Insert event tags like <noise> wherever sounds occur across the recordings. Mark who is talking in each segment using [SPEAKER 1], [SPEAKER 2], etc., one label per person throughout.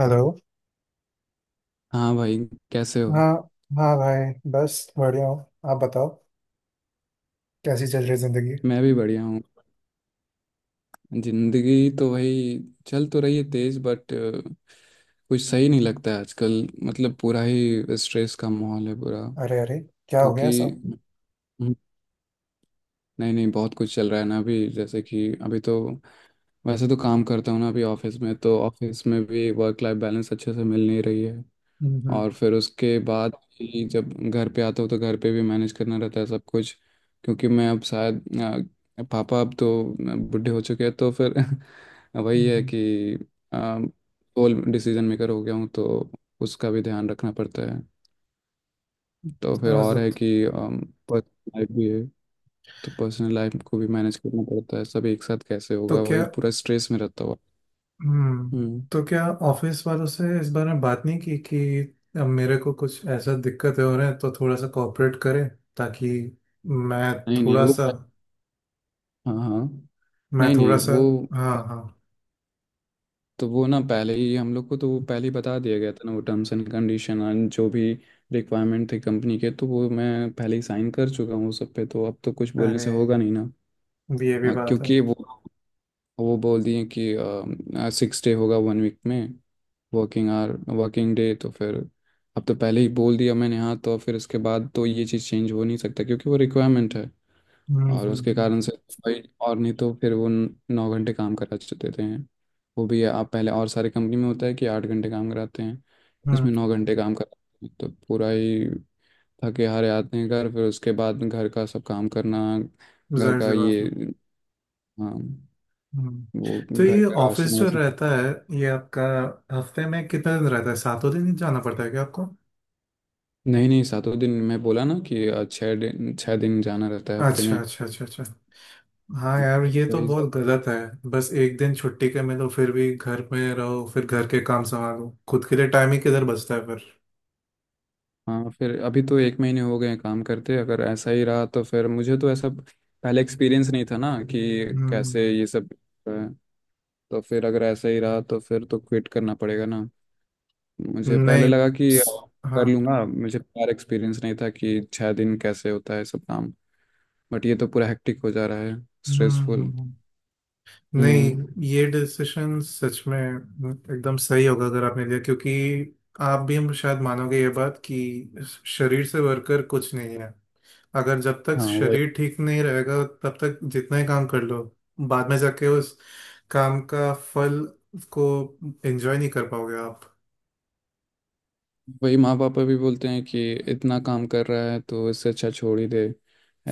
[SPEAKER 1] Hello.
[SPEAKER 2] हाँ भाई, कैसे हो।
[SPEAKER 1] हाँ, हाँ भाई, बस बढ़िया हूँ। आप बताओ, कैसी चल रही जिंदगी?
[SPEAKER 2] मैं भी बढ़िया हूँ। जिंदगी तो वही चल तो रही है तेज बट कुछ सही नहीं लगता है आजकल। मतलब पूरा ही स्ट्रेस का माहौल है पूरा।
[SPEAKER 1] अरे, अरे, क्या हो
[SPEAKER 2] क्योंकि
[SPEAKER 1] गया ऐसा?
[SPEAKER 2] हम्म, नहीं नहीं, बहुत कुछ चल रहा है ना अभी। जैसे कि अभी तो वैसे तो काम करता हूँ ना अभी ऑफिस में, तो ऑफिस में भी वर्क लाइफ बैलेंस अच्छे से मिल नहीं रही है।
[SPEAKER 1] हम्म,
[SPEAKER 2] और फिर उसके बाद ही जब घर पे आता हूँ तो घर पे भी मैनेज करना रहता है सब कुछ। क्योंकि मैं अब शायद पापा अब तो बूढ़े हो चुके हैं तो फिर <laughs> वही
[SPEAKER 1] हम्म,
[SPEAKER 2] है कि ऑल डिसीजन मेकर हो गया हूँ तो उसका भी ध्यान रखना पड़ता है। तो फिर
[SPEAKER 1] समझ रहा
[SPEAKER 2] और है
[SPEAKER 1] था।
[SPEAKER 2] कि पर्सनल लाइफ भी है, तो पर्सनल लाइफ को भी मैनेज करना पड़ता है। सब एक साथ कैसे
[SPEAKER 1] तो
[SPEAKER 2] होगा, वही
[SPEAKER 1] क्या
[SPEAKER 2] पूरा स्ट्रेस में रहता हुआ। हम्म।
[SPEAKER 1] तो क्या ऑफिस वालों से इस बारे में बात नहीं की कि अब मेरे को कुछ ऐसा दिक्कतें हो रहे हैं, तो थोड़ा सा कोऑपरेट करें, ताकि मैं
[SPEAKER 2] नहीं नहीं
[SPEAKER 1] थोड़ा
[SPEAKER 2] वो।
[SPEAKER 1] सा
[SPEAKER 2] हाँ हाँ।
[SPEAKER 1] मैं
[SPEAKER 2] नहीं नहीं
[SPEAKER 1] थोड़ा सा...
[SPEAKER 2] वो,
[SPEAKER 1] हाँ, हाँ।
[SPEAKER 2] तो वो ना पहले ही हम लोग को, तो वो पहले ही बता दिया गया था ना वो टर्म्स एंड कंडीशन एंड जो भी रिक्वायरमेंट थी कंपनी के, तो वो मैं पहले ही साइन कर चुका हूँ उस सब पे। तो अब तो कुछ बोलने
[SPEAKER 1] अरे,
[SPEAKER 2] से होगा नहीं ना।
[SPEAKER 1] ये भी बात है।
[SPEAKER 2] क्योंकि वो बोल दिए कि सिक्स डे होगा वन वीक में, वर्किंग आवर, वर्किंग डे। तो फिर अब तो पहले ही बोल दिया मैंने हाँ, तो फिर इसके बाद तो ये चीज़ चेंज हो नहीं सकता क्योंकि वो रिक्वायरमेंट है।
[SPEAKER 1] हम्म,
[SPEAKER 2] और
[SPEAKER 1] हम्म,
[SPEAKER 2] उसके
[SPEAKER 1] हम्म,
[SPEAKER 2] कारण से तो भाई और नहीं, तो फिर वो 9 घंटे काम करा देते हैं। वो भी आप पहले और सारे कंपनी में होता है कि 8 घंटे काम कराते हैं,
[SPEAKER 1] हम्म,
[SPEAKER 2] इसमें 9 घंटे काम कराते हैं। तो पूरा ही थके हारे आते हैं घर, फिर उसके बाद घर का सब काम करना, घर
[SPEAKER 1] जाहिर
[SPEAKER 2] का
[SPEAKER 1] सी बात
[SPEAKER 2] ये
[SPEAKER 1] है।
[SPEAKER 2] हाँ
[SPEAKER 1] हम्म।
[SPEAKER 2] वो
[SPEAKER 1] तो
[SPEAKER 2] घर
[SPEAKER 1] ये
[SPEAKER 2] का
[SPEAKER 1] ऑफिस
[SPEAKER 2] राशन
[SPEAKER 1] जो
[SPEAKER 2] वाशन।
[SPEAKER 1] रहता है, ये आपका हफ्ते में कितने दिन रहता है? सातों दिन ही जाना पड़ता है क्या आपको?
[SPEAKER 2] नहीं नहीं सातों दिन, मैं बोला ना कि 6 दिन, 6 दिन जाना रहता है हफ्ते
[SPEAKER 1] अच्छा,
[SPEAKER 2] में।
[SPEAKER 1] अच्छा, अच्छा, अच्छा। हाँ यार, ये तो
[SPEAKER 2] वही।
[SPEAKER 1] बहुत गलत है। बस एक दिन छुट्टी के मिलो, फिर भी घर में रहो, फिर घर के काम संभालो, खुद के लिए टाइम ही किधर बचता है फिर?
[SPEAKER 2] हाँ फिर अभी तो 1 महीने हो गए हैं काम करते, अगर ऐसा ही रहा तो फिर मुझे तो ऐसा पहले एक्सपीरियंस नहीं था ना कि
[SPEAKER 1] हम्म।
[SPEAKER 2] कैसे ये सब। अ, तो फिर अगर ऐसा ही रहा तो फिर तो क्विट करना पड़ेगा ना। मुझे पहले
[SPEAKER 1] नहीं
[SPEAKER 2] लगा कि कर
[SPEAKER 1] हाँ।
[SPEAKER 2] लूँगा, मुझे पर एक्सपीरियंस नहीं था कि 6 दिन कैसे होता है सब काम। बट ये तो पूरा हेक्टिक हो जा रहा है,
[SPEAKER 1] हम्म,
[SPEAKER 2] स्ट्रेसफुल।
[SPEAKER 1] नहीं,
[SPEAKER 2] हम्म।
[SPEAKER 1] ये डिसीजन सच में एकदम सही होगा अगर आपने लिया, क्योंकि आप भी हम शायद मानोगे ये बात कि शरीर से बढ़कर कुछ नहीं है। अगर जब तक
[SPEAKER 2] हाँ
[SPEAKER 1] शरीर ठीक नहीं रहेगा, तब तक जितना ही काम कर लो, बाद में जाके उस काम का फल को एंजॉय नहीं कर पाओगे आप।
[SPEAKER 2] वही माँ पापा भी बोलते हैं कि इतना काम कर रहा है तो इससे अच्छा छोड़ ही दे।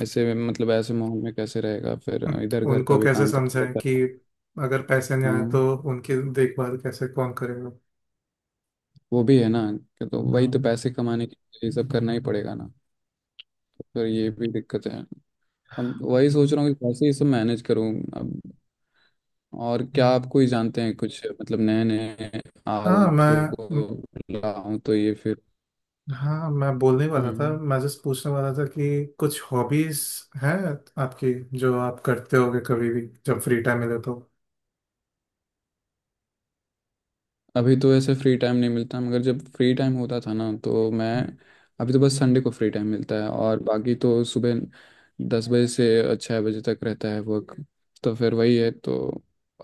[SPEAKER 2] मतलब ऐसे माहौल में कैसे रहेगा फिर, इधर
[SPEAKER 1] हम्म,
[SPEAKER 2] घर
[SPEAKER 1] उनको
[SPEAKER 2] का भी
[SPEAKER 1] कैसे
[SPEAKER 2] काम करना
[SPEAKER 1] समझाएं
[SPEAKER 2] रहता
[SPEAKER 1] कि
[SPEAKER 2] है।
[SPEAKER 1] अगर पैसे नहीं आए तो
[SPEAKER 2] हाँ
[SPEAKER 1] उनकी देखभाल कैसे कौन करेगा?
[SPEAKER 2] वो भी है ना कि तो वही तो
[SPEAKER 1] हाँ।
[SPEAKER 2] पैसे कमाने के लिए ये सब करना ही पड़ेगा ना। तो फिर ये भी दिक्कत है। अब वही सोच रहा हूँ कि कैसे ये सब मैनेज करूँ अब। और क्या
[SPEAKER 1] हम्म।
[SPEAKER 2] आपको ही जानते हैं, कुछ मतलब नए नए
[SPEAKER 1] हाँ मैं
[SPEAKER 2] आदतों को
[SPEAKER 1] म-
[SPEAKER 2] लाऊं तो ये फिर।
[SPEAKER 1] हाँ, मैं बोलने वाला था,
[SPEAKER 2] हम्म।
[SPEAKER 1] मैं जस्ट पूछने वाला था कि कुछ हॉबीज हैं आपकी, जो आप करते होगे कभी भी जब फ्री टाइम मिले तो?
[SPEAKER 2] अभी तो ऐसे फ्री टाइम नहीं मिलता, मगर जब फ्री टाइम होता था ना तो मैं, अभी तो बस संडे को फ्री टाइम मिलता है और बाकी तो सुबह 10 बजे से 6 बजे तक रहता है वर्क। तो फिर वही है तो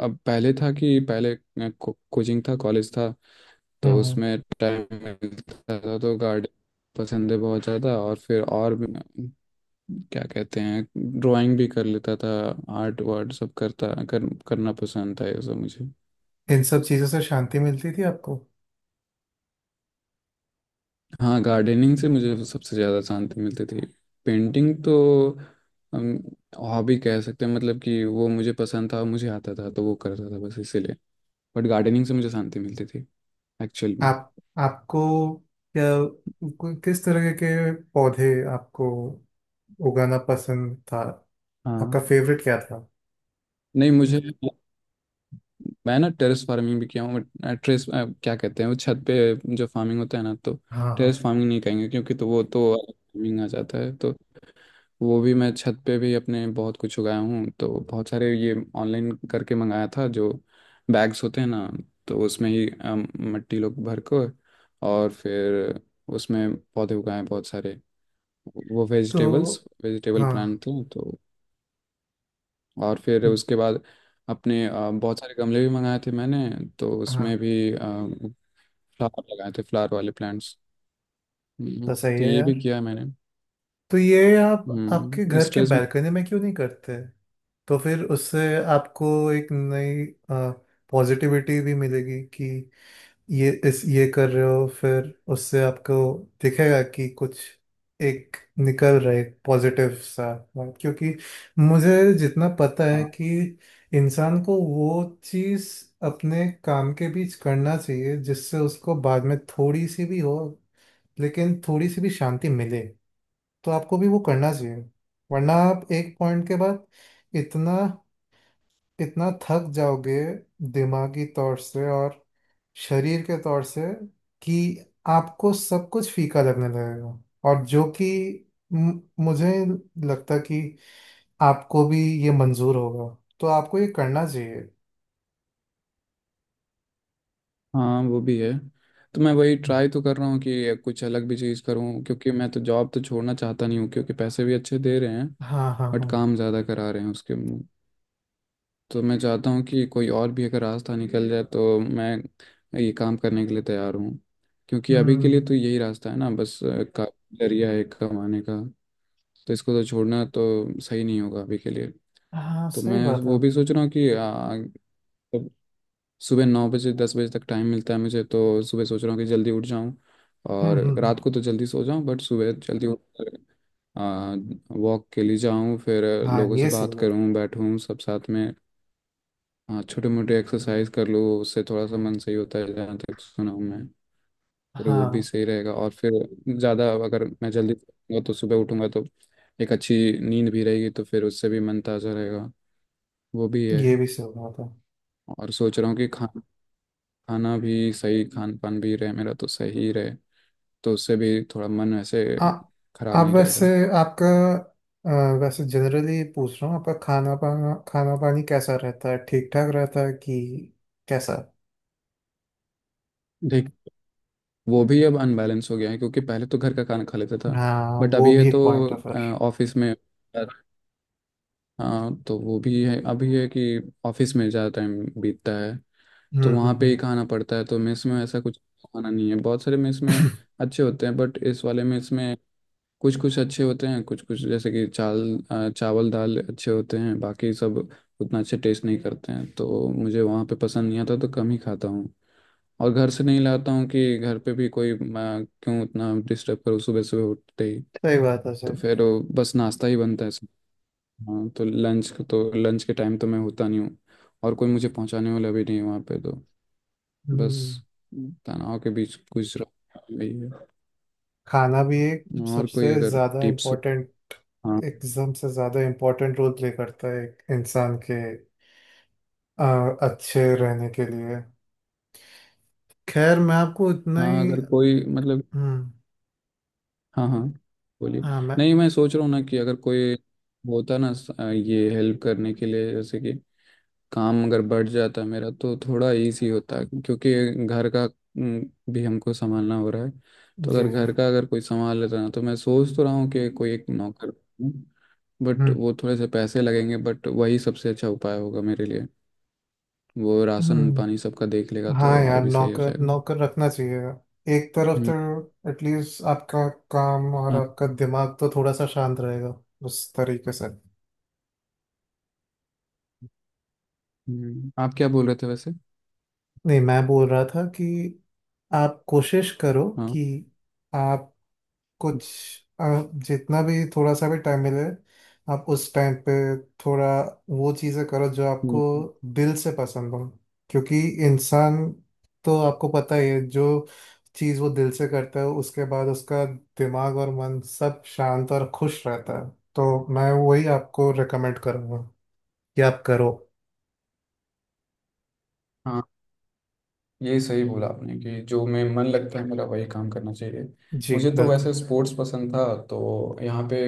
[SPEAKER 2] अब पहले था कि पहले कोचिंग था, कॉलेज था, तो
[SPEAKER 1] हम्म।
[SPEAKER 2] उसमें टाइम मिलता था। तो गार्डन पसंद है बहुत ज़्यादा। और फिर और भी क्या कहते हैं, ड्राइंग भी कर लेता था। आर्ट वार्ट सब करना पसंद था ये सब मुझे।
[SPEAKER 1] इन सब चीज़ों से शांति मिलती थी आपको?
[SPEAKER 2] हाँ गार्डनिंग से मुझे सबसे ज़्यादा शांति मिलती थी। पेंटिंग तो हम हॉबी कह सकते हैं, मतलब कि वो मुझे पसंद था, मुझे आता था तो वो करता था बस इसीलिए। बट गार्डनिंग से मुझे शांति मिलती थी एक्चुअल में।
[SPEAKER 1] आप आपको क्या किस तरह के पौधे आपको उगाना पसंद था? आपका
[SPEAKER 2] हाँ
[SPEAKER 1] फेवरेट क्या था?
[SPEAKER 2] नहीं मुझे, मैं ना टेरेस फार्मिंग भी किया हूँ। बट टेरेस क्या कहते हैं, वो छत पे जो फार्मिंग होता है ना, तो
[SPEAKER 1] हाँ, हाँ।
[SPEAKER 2] टेरेस फार्मिंग नहीं कहेंगे क्योंकि तो वो तो फार्मिंग आ जाता है तो। वो भी मैं छत पे भी अपने बहुत कुछ उगाया हूँ। तो बहुत सारे ये ऑनलाइन करके मंगाया था, जो बैग्स होते हैं ना, तो उसमें ही मिट्टी लोग भर को, और फिर उसमें पौधे उगाए बहुत सारे। वो
[SPEAKER 1] तो
[SPEAKER 2] वेजिटेबल्स, वेजिटेबल प्लांट
[SPEAKER 1] हाँ,
[SPEAKER 2] थे तो। और फिर उसके बाद अपने बहुत सारे गमले भी मंगाए थे मैंने, तो
[SPEAKER 1] हाँ।
[SPEAKER 2] उसमें भी फ्लावर लगाए थे, फ्लावर वाले प्लांट्स।
[SPEAKER 1] तो सही
[SPEAKER 2] तो
[SPEAKER 1] है
[SPEAKER 2] ये भी
[SPEAKER 1] यार।
[SPEAKER 2] किया है मैंने।
[SPEAKER 1] तो ये आप आपके घर के
[SPEAKER 2] स्ट्रेस में।
[SPEAKER 1] बालकनी में क्यों नहीं करते? तो फिर उससे आपको एक नई पॉजिटिविटी भी मिलेगी कि ये इस ये कर रहे हो, फिर उससे आपको दिखेगा कि कुछ एक निकल रहा है पॉजिटिव सा बात। क्योंकि मुझे जितना पता है कि इंसान को वो चीज़ अपने काम के बीच करना चाहिए जिससे उसको बाद में थोड़ी सी भी हो, लेकिन थोड़ी सी भी शांति मिले। तो आपको भी वो करना चाहिए, वरना आप एक पॉइंट के बाद इतना इतना थक जाओगे दिमागी तौर से और शरीर के तौर से कि आपको सब कुछ फीका लगने लगेगा। और जो कि मु- मुझे लगता कि आपको भी ये मंजूर होगा, तो आपको ये करना चाहिए।
[SPEAKER 2] हाँ वो भी है। तो मैं वही ट्राई तो कर रहा हूँ कि कुछ अलग भी चीज़ करूँ क्योंकि मैं तो जॉब तो छोड़ना चाहता नहीं हूँ क्योंकि पैसे भी अच्छे दे रहे हैं।
[SPEAKER 1] हाँ, हाँ,
[SPEAKER 2] बट
[SPEAKER 1] हाँ।
[SPEAKER 2] काम ज़्यादा करा रहे हैं उसके। तो मैं चाहता हूँ कि कोई और भी अगर रास्ता निकल जाए, तो मैं ये काम करने के लिए तैयार हूँ। क्योंकि अभी के
[SPEAKER 1] हम्म।
[SPEAKER 2] लिए तो यही रास्ता है ना बस, का जरिया है कमाने का। तो इसको तो छोड़ना तो सही नहीं होगा अभी के लिए।
[SPEAKER 1] हाँ
[SPEAKER 2] तो
[SPEAKER 1] सही
[SPEAKER 2] मैं
[SPEAKER 1] बात
[SPEAKER 2] वो
[SPEAKER 1] है।
[SPEAKER 2] भी सोच रहा हूँ कि सुबह 9 बजे 10 बजे तक टाइम मिलता है मुझे, तो सुबह सोच रहा हूँ कि जल्दी उठ जाऊँ
[SPEAKER 1] हम्म,
[SPEAKER 2] और
[SPEAKER 1] हम्म,
[SPEAKER 2] रात को तो जल्दी सो जाऊँ। बट सुबह जल्दी उठ वॉक के लिए जाऊँ, फिर
[SPEAKER 1] हाँ,
[SPEAKER 2] लोगों से
[SPEAKER 1] ये सही
[SPEAKER 2] बात
[SPEAKER 1] बात
[SPEAKER 2] करूँ, बैठूँ सब साथ में, छोटे मोटे एक्सरसाइज कर लूँ। उससे थोड़ा सा मन सही होता है जहाँ तक सुना हूँ मैं।
[SPEAKER 1] है।
[SPEAKER 2] फिर वो भी
[SPEAKER 1] हाँ,
[SPEAKER 2] सही रहेगा और फिर ज़्यादा अगर मैं जल्दी सोऊंगा तो सुबह उठूँगा तो एक अच्छी नींद भी रहेगी, तो फिर उससे भी मन ताज़ा रहेगा। वो भी है।
[SPEAKER 1] ये भी सही बात है।
[SPEAKER 2] और सोच रहा हूँ कि खा खाना भी सही, खान पान भी रहे मेरा तो सही रहे, तो उससे भी थोड़ा मन ऐसे
[SPEAKER 1] आ,
[SPEAKER 2] खराब
[SPEAKER 1] आप
[SPEAKER 2] नहीं
[SPEAKER 1] वैसे,
[SPEAKER 2] रहेगा।
[SPEAKER 1] आपका अ, वैसे जनरली पूछ रहा हूँ, आपका खाना पाना खाना पानी कैसा रहता है? ठीक ठाक रहता है कि कैसा?
[SPEAKER 2] देख वो भी अब अनबैलेंस हो गया है क्योंकि पहले तो घर का खाना खा लेता था।
[SPEAKER 1] हाँ,
[SPEAKER 2] बट
[SPEAKER 1] वो
[SPEAKER 2] अभी
[SPEAKER 1] भी
[SPEAKER 2] है तो
[SPEAKER 1] एक पॉइंट है फिर।
[SPEAKER 2] ऑफिस में। हाँ तो वो भी है, अभी है कि ऑफिस में ज़्यादा टाइम बीतता है। तो
[SPEAKER 1] हम्म,
[SPEAKER 2] वहाँ
[SPEAKER 1] हम्म,
[SPEAKER 2] पे
[SPEAKER 1] हम्म।
[SPEAKER 2] ही खाना पड़ता है। तो मेस में ऐसा कुछ खाना नहीं है। बहुत सारे मेस में
[SPEAKER 1] <clears throat>
[SPEAKER 2] अच्छे होते हैं, बट इस वाले मेस में कुछ कुछ अच्छे होते हैं, कुछ कुछ जैसे कि चावल चावल दाल अच्छे होते हैं बाकी सब उतना अच्छे टेस्ट नहीं करते हैं। तो मुझे वहाँ पे पसंद नहीं आता तो कम ही खाता हूँ। और घर से नहीं लाता हूँ कि घर पे भी कोई मैं क्यों उतना डिस्टर्ब करूँ सुबह सुबह उठते ही।
[SPEAKER 1] सही बात है, सही
[SPEAKER 2] तो
[SPEAKER 1] बात।
[SPEAKER 2] फिर वो बस नाश्ता ही बनता है सब। हाँ तो लंच, तो लंच के टाइम तो मैं होता नहीं हूँ और कोई मुझे पहुँचाने वाला भी नहीं है वहाँ पे तो। बस
[SPEAKER 1] हम्म।
[SPEAKER 2] तनाव के बीच गुजरा यही है।
[SPEAKER 1] खाना भी एक
[SPEAKER 2] और कोई
[SPEAKER 1] सबसे
[SPEAKER 2] अगर
[SPEAKER 1] ज्यादा
[SPEAKER 2] टिप्स हो।
[SPEAKER 1] इम्पोर्टेंट,
[SPEAKER 2] हाँ
[SPEAKER 1] एकदम से ज्यादा इम्पोर्टेंट रोल प्ले करता है एक इंसान के अच्छे रहने के लिए। खैर मैं आपको इतना
[SPEAKER 2] हाँ,
[SPEAKER 1] ही।
[SPEAKER 2] अगर कोई मतलब।
[SPEAKER 1] हम्म।
[SPEAKER 2] हाँ हाँ बोलिए।
[SPEAKER 1] हाँ, मैं...
[SPEAKER 2] नहीं मैं सोच रहा हूँ ना कि अगर कोई होता ना ये हेल्प करने के लिए, जैसे कि काम अगर बढ़ जाता मेरा तो थोड़ा इजी होता क्योंकि घर का भी हमको संभालना हो रहा है। तो
[SPEAKER 1] जी,
[SPEAKER 2] अगर
[SPEAKER 1] जी।
[SPEAKER 2] घर का अगर कोई संभाल लेता ना। तो मैं सोच तो रहा हूँ कि कोई एक नौकर, बट
[SPEAKER 1] हम्म,
[SPEAKER 2] वो थोड़े से पैसे लगेंगे बट वही सबसे अच्छा उपाय होगा मेरे लिए। वो राशन पानी
[SPEAKER 1] हम्म।
[SPEAKER 2] सबका देख लेगा तो
[SPEAKER 1] हाँ
[SPEAKER 2] और
[SPEAKER 1] यार,
[SPEAKER 2] भी सही हो
[SPEAKER 1] नौकर,
[SPEAKER 2] जाएगा।
[SPEAKER 1] नौकर रखना चाहिए एक तरफ
[SPEAKER 2] हम्म।
[SPEAKER 1] तो, एटलीस्ट आपका काम और
[SPEAKER 2] आप,
[SPEAKER 1] आपका दिमाग तो थोड़ा सा शांत रहेगा उस तरीके से।
[SPEAKER 2] आप क्या बोल रहे थे वैसे।
[SPEAKER 1] नहीं, मैं बोल रहा था कि आप कोशिश करो
[SPEAKER 2] हाँ।
[SPEAKER 1] कि आप कुछ... जितना भी थोड़ा सा भी टाइम मिले, आप उस टाइम पे थोड़ा वो चीज़ें करो जो आपको
[SPEAKER 2] हम्म,
[SPEAKER 1] दिल से पसंद हो। क्योंकि इंसान, तो आपको पता ही है, जो चीज़ वो दिल से करता है उसके बाद उसका दिमाग और मन सब शांत और खुश रहता है। तो मैं वही आपको रेकमेंड करूँगा कि आप करो।
[SPEAKER 2] हाँ ये सही बोला आपने कि जो मैं मन लगता है मेरा वही काम करना चाहिए।
[SPEAKER 1] जी
[SPEAKER 2] मुझे तो
[SPEAKER 1] बिल्कुल।
[SPEAKER 2] वैसे स्पोर्ट्स पसंद था, तो यहाँ पे,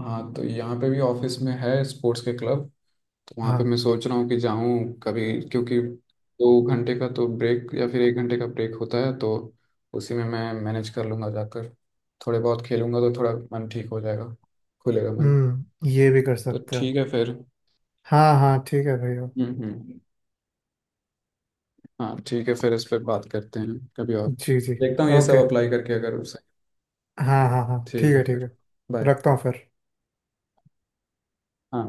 [SPEAKER 2] हाँ तो यहाँ पे भी ऑफिस में है स्पोर्ट्स के क्लब। तो वहाँ पे
[SPEAKER 1] हाँ।
[SPEAKER 2] मैं सोच रहा हूँ कि जाऊँ कभी क्योंकि 2 घंटे का तो ब्रेक या फिर 1 घंटे का ब्रेक होता है तो उसी में मैं मैनेज कर लूँगा जाकर। थोड़े बहुत खेलूँगा तो थोड़ा मन ठीक हो जाएगा, खुलेगा मन।
[SPEAKER 1] हम्म, ये भी कर
[SPEAKER 2] तो
[SPEAKER 1] सकते हो।
[SPEAKER 2] ठीक है फिर।
[SPEAKER 1] हाँ, हाँ, ठीक है भैया।
[SPEAKER 2] हम्म। हाँ ठीक है, फिर इस पर बात करते हैं कभी और।
[SPEAKER 1] जी, जी।
[SPEAKER 2] देखता हूँ ये
[SPEAKER 1] ओके।
[SPEAKER 2] सब अप्लाई करके अगर।
[SPEAKER 1] हाँ, हाँ, हाँ, ठीक
[SPEAKER 2] ठीक है
[SPEAKER 1] है, ठीक
[SPEAKER 2] फिर,
[SPEAKER 1] है।
[SPEAKER 2] बाय।
[SPEAKER 1] रखता हूँ फिर।
[SPEAKER 2] हाँ।